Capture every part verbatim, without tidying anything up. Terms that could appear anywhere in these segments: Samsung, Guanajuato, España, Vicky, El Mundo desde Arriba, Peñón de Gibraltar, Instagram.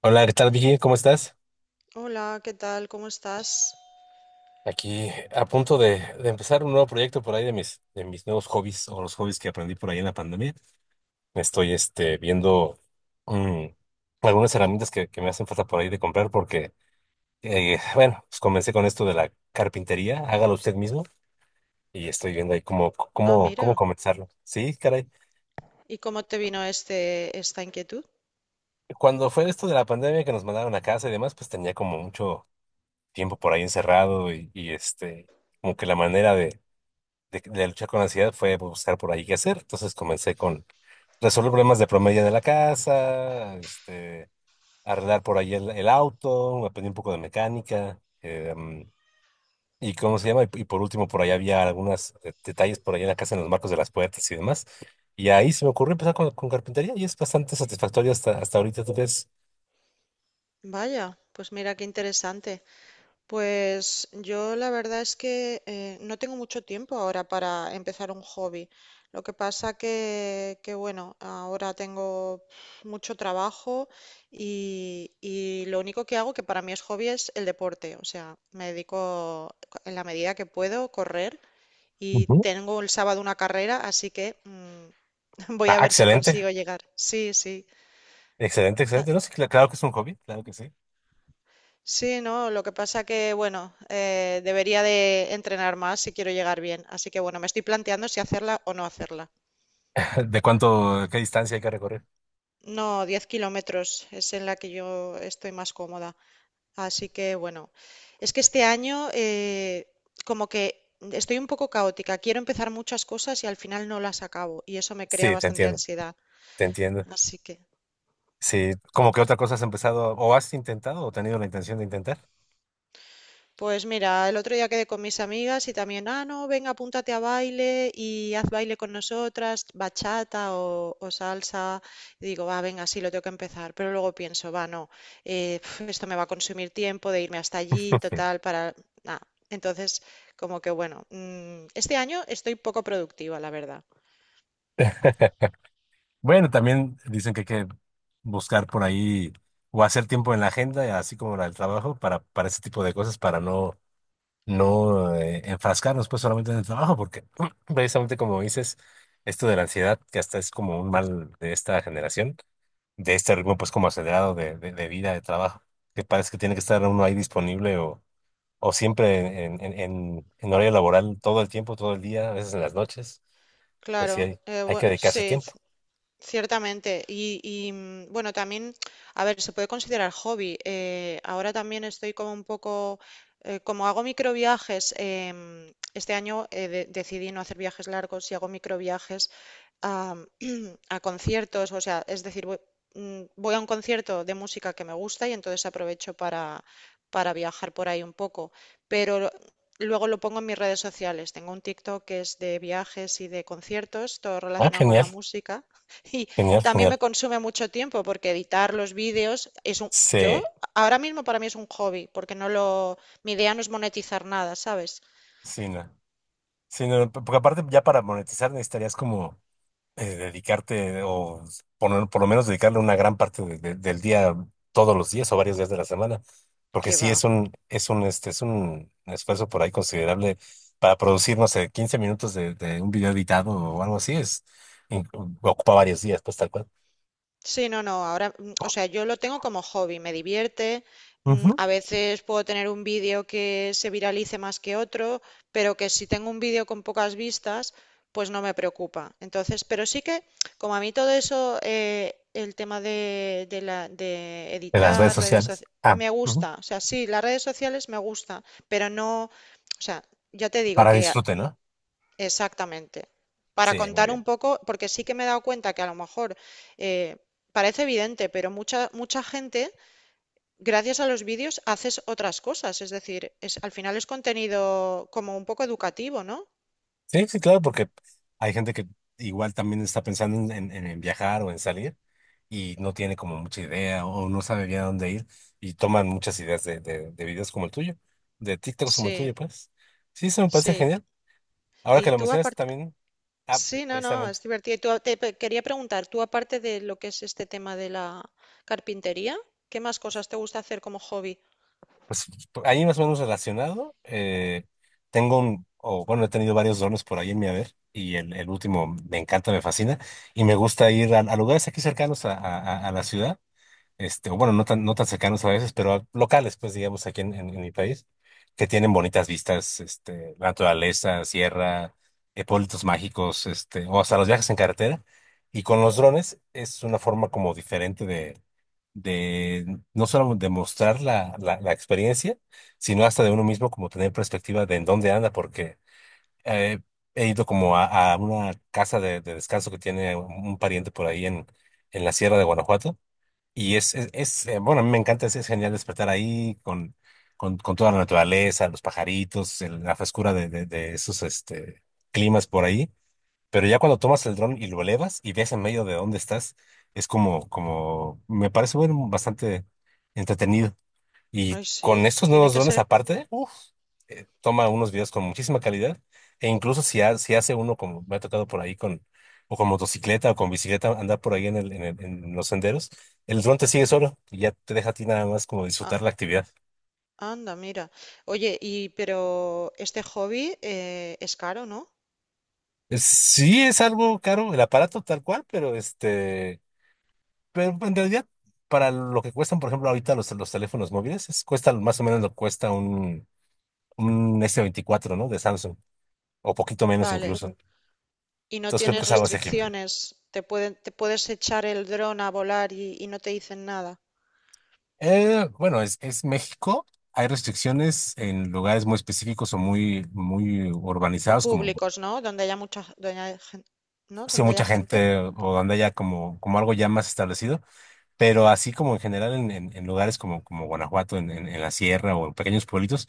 Hola, ¿qué tal, Vicky? ¿Cómo estás? Hola, ¿qué tal? ¿Cómo estás? Aquí a punto de, de empezar un nuevo proyecto por ahí de mis, de mis nuevos hobbies o los hobbies que aprendí por ahí en la pandemia. Estoy este, viendo mm, algunas herramientas que, que me hacen falta por ahí de comprar porque, eh, bueno, pues comencé con esto de la carpintería, hágalo usted mismo y estoy viendo ahí cómo, Ah, cómo, cómo mira. comenzarlo. Sí, caray. ¿Y cómo te vino este, esta inquietud? Cuando fue esto de la pandemia que nos mandaron a casa y demás, pues tenía como mucho tiempo por ahí encerrado y, y este, Como que la manera de de, de luchar con la ansiedad fue buscar por ahí qué hacer. Entonces comencé con resolver problemas de promedio de la casa, este, arreglar por ahí el, el auto, aprendí un poco de mecánica. Em, y cómo se llama, y, y por último, por ahí había algunos detalles por ahí en la casa, en los marcos de las puertas y demás. Y ahí se me ocurrió empezar con, con carpintería y es bastante satisfactorio hasta, hasta ahorita, ¿tú crees? Vaya, pues mira qué interesante. Pues yo la verdad es que eh, no tengo mucho tiempo ahora para empezar un hobby. Lo que pasa que, que bueno, ahora tengo mucho trabajo y, y lo único que hago, que para mí es hobby, es el deporte. O sea, me dedico en la medida que puedo correr y Ujú. tengo el sábado una carrera, así que... mm, voy a Ah, ver si excelente, consigo llegar. Sí, sí. excelente, Ah, excelente. No, sí, cl- claro que es un hobby, claro que sí. sí, no, lo que pasa que, bueno, eh, debería de entrenar más si quiero llegar bien. Así que, bueno, me estoy planteando si hacerla o no hacerla. ¿De cuánto, qué distancia hay que recorrer? No, diez kilómetros es en la que yo estoy más cómoda. Así que, bueno, es que este año eh, como que estoy un poco caótica. Quiero empezar muchas cosas y al final no las acabo. Y eso me crea Sí, te bastante entiendo, ansiedad. te entiendo. Así que... Sí, como que otra cosa has empezado o has intentado o tenido la intención de intentar. Pues mira, el otro día quedé con mis amigas y también, ah, no, venga, apúntate a baile y haz baile con nosotras, bachata o, o salsa. Y digo, va, venga, sí, lo tengo que empezar. Pero luego pienso, va, no, eh, pf, esto me va a consumir tiempo de irme hasta allí, total, para nada. Entonces, como que bueno, mm, este año estoy poco productiva, la verdad. Bueno, también dicen que hay que buscar por ahí o hacer tiempo en la agenda, así como la del trabajo, para, para ese tipo de cosas, para no, no eh, enfrascarnos pues solamente en el trabajo, porque precisamente como dices, esto de la ansiedad, que hasta es como un mal de esta generación, de este ritmo pues como acelerado de, de, de vida, de trabajo, que parece que tiene que estar uno ahí disponible o o siempre en, en, en, en horario laboral todo el tiempo, todo el día, a veces en las noches, pues Claro, sí hay, eh, hay bue- que dedicarse sí, tiempo. ciertamente. Y, y, mm, bueno, también, a ver, se puede considerar hobby. Eh, ahora también estoy como un poco, eh, como hago microviajes, em, este año eh, de- decidí no hacer viajes largos y hago microviajes a conciertos, o sea, es decir, voy, mm, voy a un concierto de música que me gusta y entonces aprovecho para, para viajar por ahí un poco, pero luego lo pongo en mis redes sociales. Tengo un TikTok que es de viajes y de conciertos, todo Ah, relacionado con genial, la música y genial, también genial. me consume mucho tiempo porque editar los vídeos es un, yo Sí, ahora mismo para mí es un hobby, porque no lo, mi idea no es monetizar nada, ¿sabes? sí, no. Sí, no, porque aparte ya para monetizar necesitarías como... eh, dedicarte o por, por lo menos dedicarle una gran parte de- de- del día todos los días o varios días de la semana, porque Que sí va. es un, es un, este, es un esfuerzo por ahí considerable para producir, no sé, quince minutos de, de un video editado o algo así, es, in- ocupa varios días, pues tal cual. Sí, no, no, ahora, mm, o sea, yo lo tengo como hobby, me divierte, mm, Ujú. a veces puedo tener un vídeo que se viralice más que otro, pero que si tengo un vídeo con pocas vistas, pues no me preocupa. Entonces, pero sí que, como a mí todo eso, eh, el tema de, de la, de De las redes editar redes sociales. sociales, Ah, me ujú. gusta, o sea, sí, las redes sociales me gusta, pero no, o sea, ya te digo Para que disfrute, ¿no? exactamente. Para Sí, muy contar un bien. poco, porque sí que me he dado cuenta que a lo mejor eh, parece evidente, pero mucha, mucha gente, gracias a los vídeos, haces otras cosas. Es decir, es, al final es contenido como un poco educativo, ¿no? Sí, sí, claro, porque hay gente que igual también está pensando en, en- en en viajar o en salir y no tiene como mucha idea o no sabe bien a dónde ir y toman muchas ideas de, de, de videos como el tuyo, de TikToks como el Sí, tuyo, pues. Sí, eso me parece sí. genial. Ahora que Y lo tú mencionas aparte, también, ah, eh, sí, no, no, precisamente, es divertido. Y tú, a- te pe- quería preguntar, tú aparte de lo que es este tema de la carpintería, ¿qué más cosas te gusta hacer como hobby? pues por ahí más o menos relacionado, eh, tengo un, o bueno, he tenido varios dones por ahí en mi haber y el, el último me encanta, me fascina y me gusta ir a, a lugares aquí cercanos a a- a- a la ciudad este, o bueno, no tan, no tan cercanos a veces, pero locales, pues digamos, aquí en, en- en mi país, que tienen bonitas vistas, este, la naturaleza, sierra, eh, pueblitos mágicos, este, o hasta los viajes en carretera. Y con los drones es una forma como diferente de, de no solo de mostrar la, la, la experiencia, sino hasta de uno mismo como tener perspectiva de en dónde anda, porque eh, he ido como a, a una casa de, de descanso que tiene un un pariente por ahí en, en la sierra de Guanajuato y es, es, es, eh, bueno, a mí me encanta, es, es genial despertar ahí con, con, con toda la naturaleza, los pajaritos, el- la frescura de, de, de esos este, climas por ahí. Pero ya cuando tomas el dron y lo elevas y ves en medio de dónde estás, es como, como, me parece bueno, bastante entretenido. Y Ay, sí, con estos tiene nuevos que drones ser. aparte, uf, eh, toma unos videos con muchísima calidad. E incluso si, ha- si hace uno, como me ha tocado por ahí con, o con motocicleta o con bicicleta, andar por ahí en el, en el- en los senderos, el dron te sigue solo y ya te deja a ti nada más como disfrutar la actividad. Anda, mira. Oye, y pero este hobby eh, es caro, ¿no? Es- Sí es algo caro el aparato tal cual, pero este, pero en realidad para lo que cuestan, por ejemplo, ahorita los, los teléfonos móviles, es- cuesta más o menos lo que cuesta un, un s veinticuatro ¿no? De Samsung, o poquito menos Vale. incluso. Y no Entonces creo que tienes es algo asequible. restricciones. Te pueden, te puedes echar el dron a volar y, y no te dicen nada. Eh, bueno, es, es México. Hay restricciones en lugares muy específicos o muy, muy O urbanizados, como públicos, ¿no? Donde haya mucha, donde haya gen- ¿no? si Donde mucha haya gente. gente o donde haya como, como algo ya más establecido, pero así como en general en, en- en lugares como, como Guanajuato, en, en- en la sierra o en pequeños pueblitos.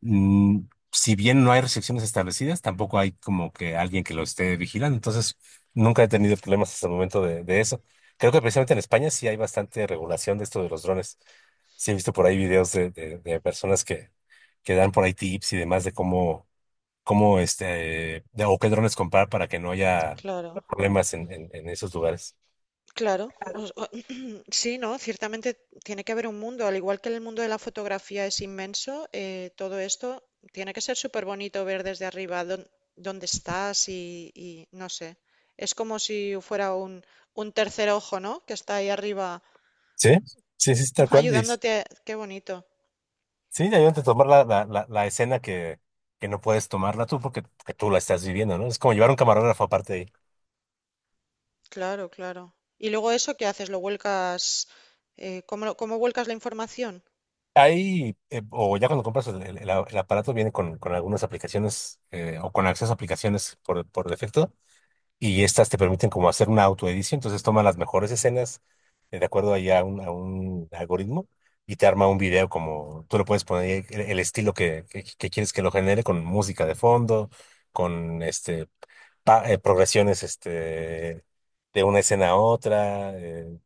mm, si bien no hay restricciones establecidas, tampoco hay como que alguien que lo esté vigilando. Entonces, nunca he tenido problemas hasta el momento de, de eso. Creo que precisamente en España sí hay bastante regulación de esto de los drones. Sí he visto por ahí videos de, de- de personas que, que dan por ahí tips y demás de cómo, cómo este, de- o qué drones comprar para que no haya Claro. problemas en, en, en esos lugares. Claro, os- o- sí, ¿no? Ciertamente tiene que haber un mundo, al igual que el mundo de la fotografía es inmenso, eh, todo esto tiene que ser súper bonito ver desde arriba dón- dónde estás y, y no sé, es como si fuera un, un tercer ojo, ¿no? Que está ahí arriba Sí, sí, sí, sí, tal cual. ayudándote, qué bonito, Sí, ya yo te tomar la, la, la, la escena que, que no puedes tomarla tú porque que tú la estás viviendo, ¿no? Es como llevar un camarógrafo aparte de ahí. claro, claro. Y luego eso, ¿qué haces? ¿Lo vuelcas? eh, ¿cómo, lo- cómo vuelcas la información? Ahí, eh, o ya cuando compras el, el- el a- el aparato, viene con, con algunas aplicaciones eh, o con acceso a aplicaciones por, por defecto y estas te permiten como hacer una autoedición, entonces toma las mejores escenas eh, de acuerdo ahí a un, a un algoritmo y te arma un video como tú le puedes poner ahí el, el estilo que, que, que quieres que lo genere con música de fondo, con este pa- eh, progresiones este, de una escena a otra. eh,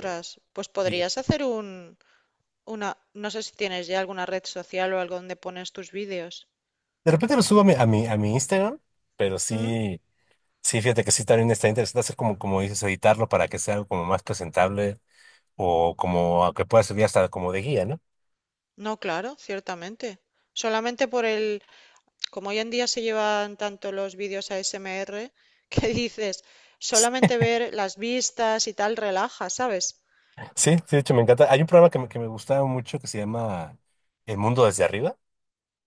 eh, pues y podrías hacer un, una, no sé si tienes ya alguna red social o algo donde pones tus vídeos. de repente lo subo a mi, a mi, a mi Instagram, pero ¿Mm? sí, sí, fíjate que sí también está interesante hacer como, como dices, editarlo para que sea algo como más presentable o como a que pueda servir hasta como de guía, ¿no? No, claro, ciertamente. Solamente por el, como hoy en día se llevan tanto los vídeos A S M R, que dices, Sí, solamente ver las vistas y tal relaja, ¿sabes? sí, de hecho me encanta. Hay un programa que me, que me gustaba mucho que se llama El Mundo desde Arriba,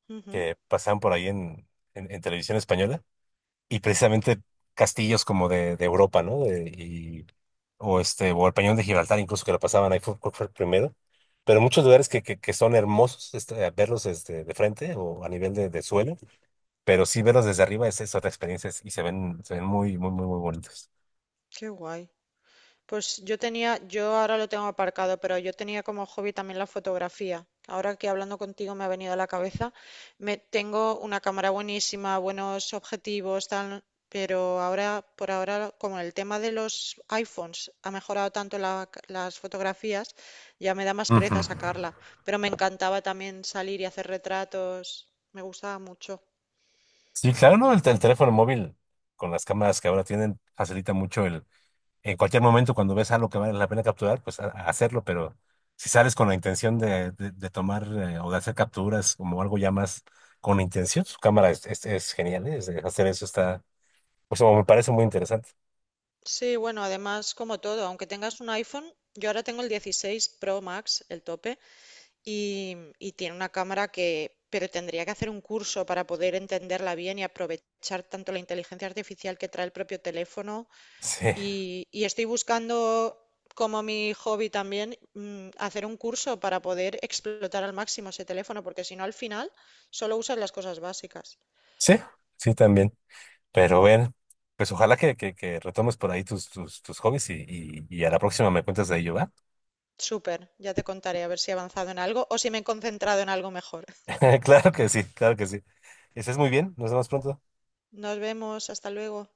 Ujú, que pasaban por ahí en, en, en televisión española. Y precisamente castillos como de, de Europa, ¿no? De- y, o este, o el Peñón de Gibraltar, incluso que lo pasaban ahí, fue, creo fue el primero. Pero muchos lugares que, que, que son hermosos este, a verlos este, de frente o a nivel de, de suelo, pero sí verlos desde arriba es, es otra experiencia y se ven, se ven muy, muy, muy, muy bonitos. qué guay. Pues yo tenía, yo ahora lo tengo aparcado, pero yo tenía como hobby también la fotografía. Ahora que hablando contigo me ha venido a la cabeza, me tengo una cámara buenísima, buenos objetivos, tal, pero ahora, por ahora, como el tema de los iPhones ha mejorado tanto la las fotografías, ya me da más Ujú. pereza sacarla. Pero me encantaba también salir y hacer retratos, me gustaba mucho. Sí, claro, ¿no? El, tel- el teléfono móvil con las cámaras que ahora tienen facilita mucho el en cualquier momento cuando ves algo que vale la pena capturar, pues a- a hacerlo, pero si sales con la intención de, de- de tomar eh, o de hacer capturas como algo ya más con intención, su cámara es, es- es genial, ¿eh? Es- Hacer eso está, pues me parece muy interesante. Sí, bueno, además, como todo, aunque tengas un iPhone, yo ahora tengo el dieciséis Pro Max, el tope, y, y tiene una cámara que, pero tendría que hacer un curso para poder entenderla bien y aprovechar tanto la inteligencia artificial que trae el propio teléfono. Sí, Y, y estoy buscando, como mi hobby también, mm, hacer un curso para poder explotar al máximo ese teléfono, porque si no, al final solo usas las cosas básicas. sí, sí también. Pero bueno, pues ojalá que, que, que retomes por ahí tus, tus, tus hobbies y, y, y a la próxima me cuentas de ello, ¿va? Súper, ya te contaré a ver si he avanzado en algo o si me he concentrado en algo mejor. Claro que sí, claro que sí. Estés muy bien, nos vemos pronto. Nos vemos, hasta luego.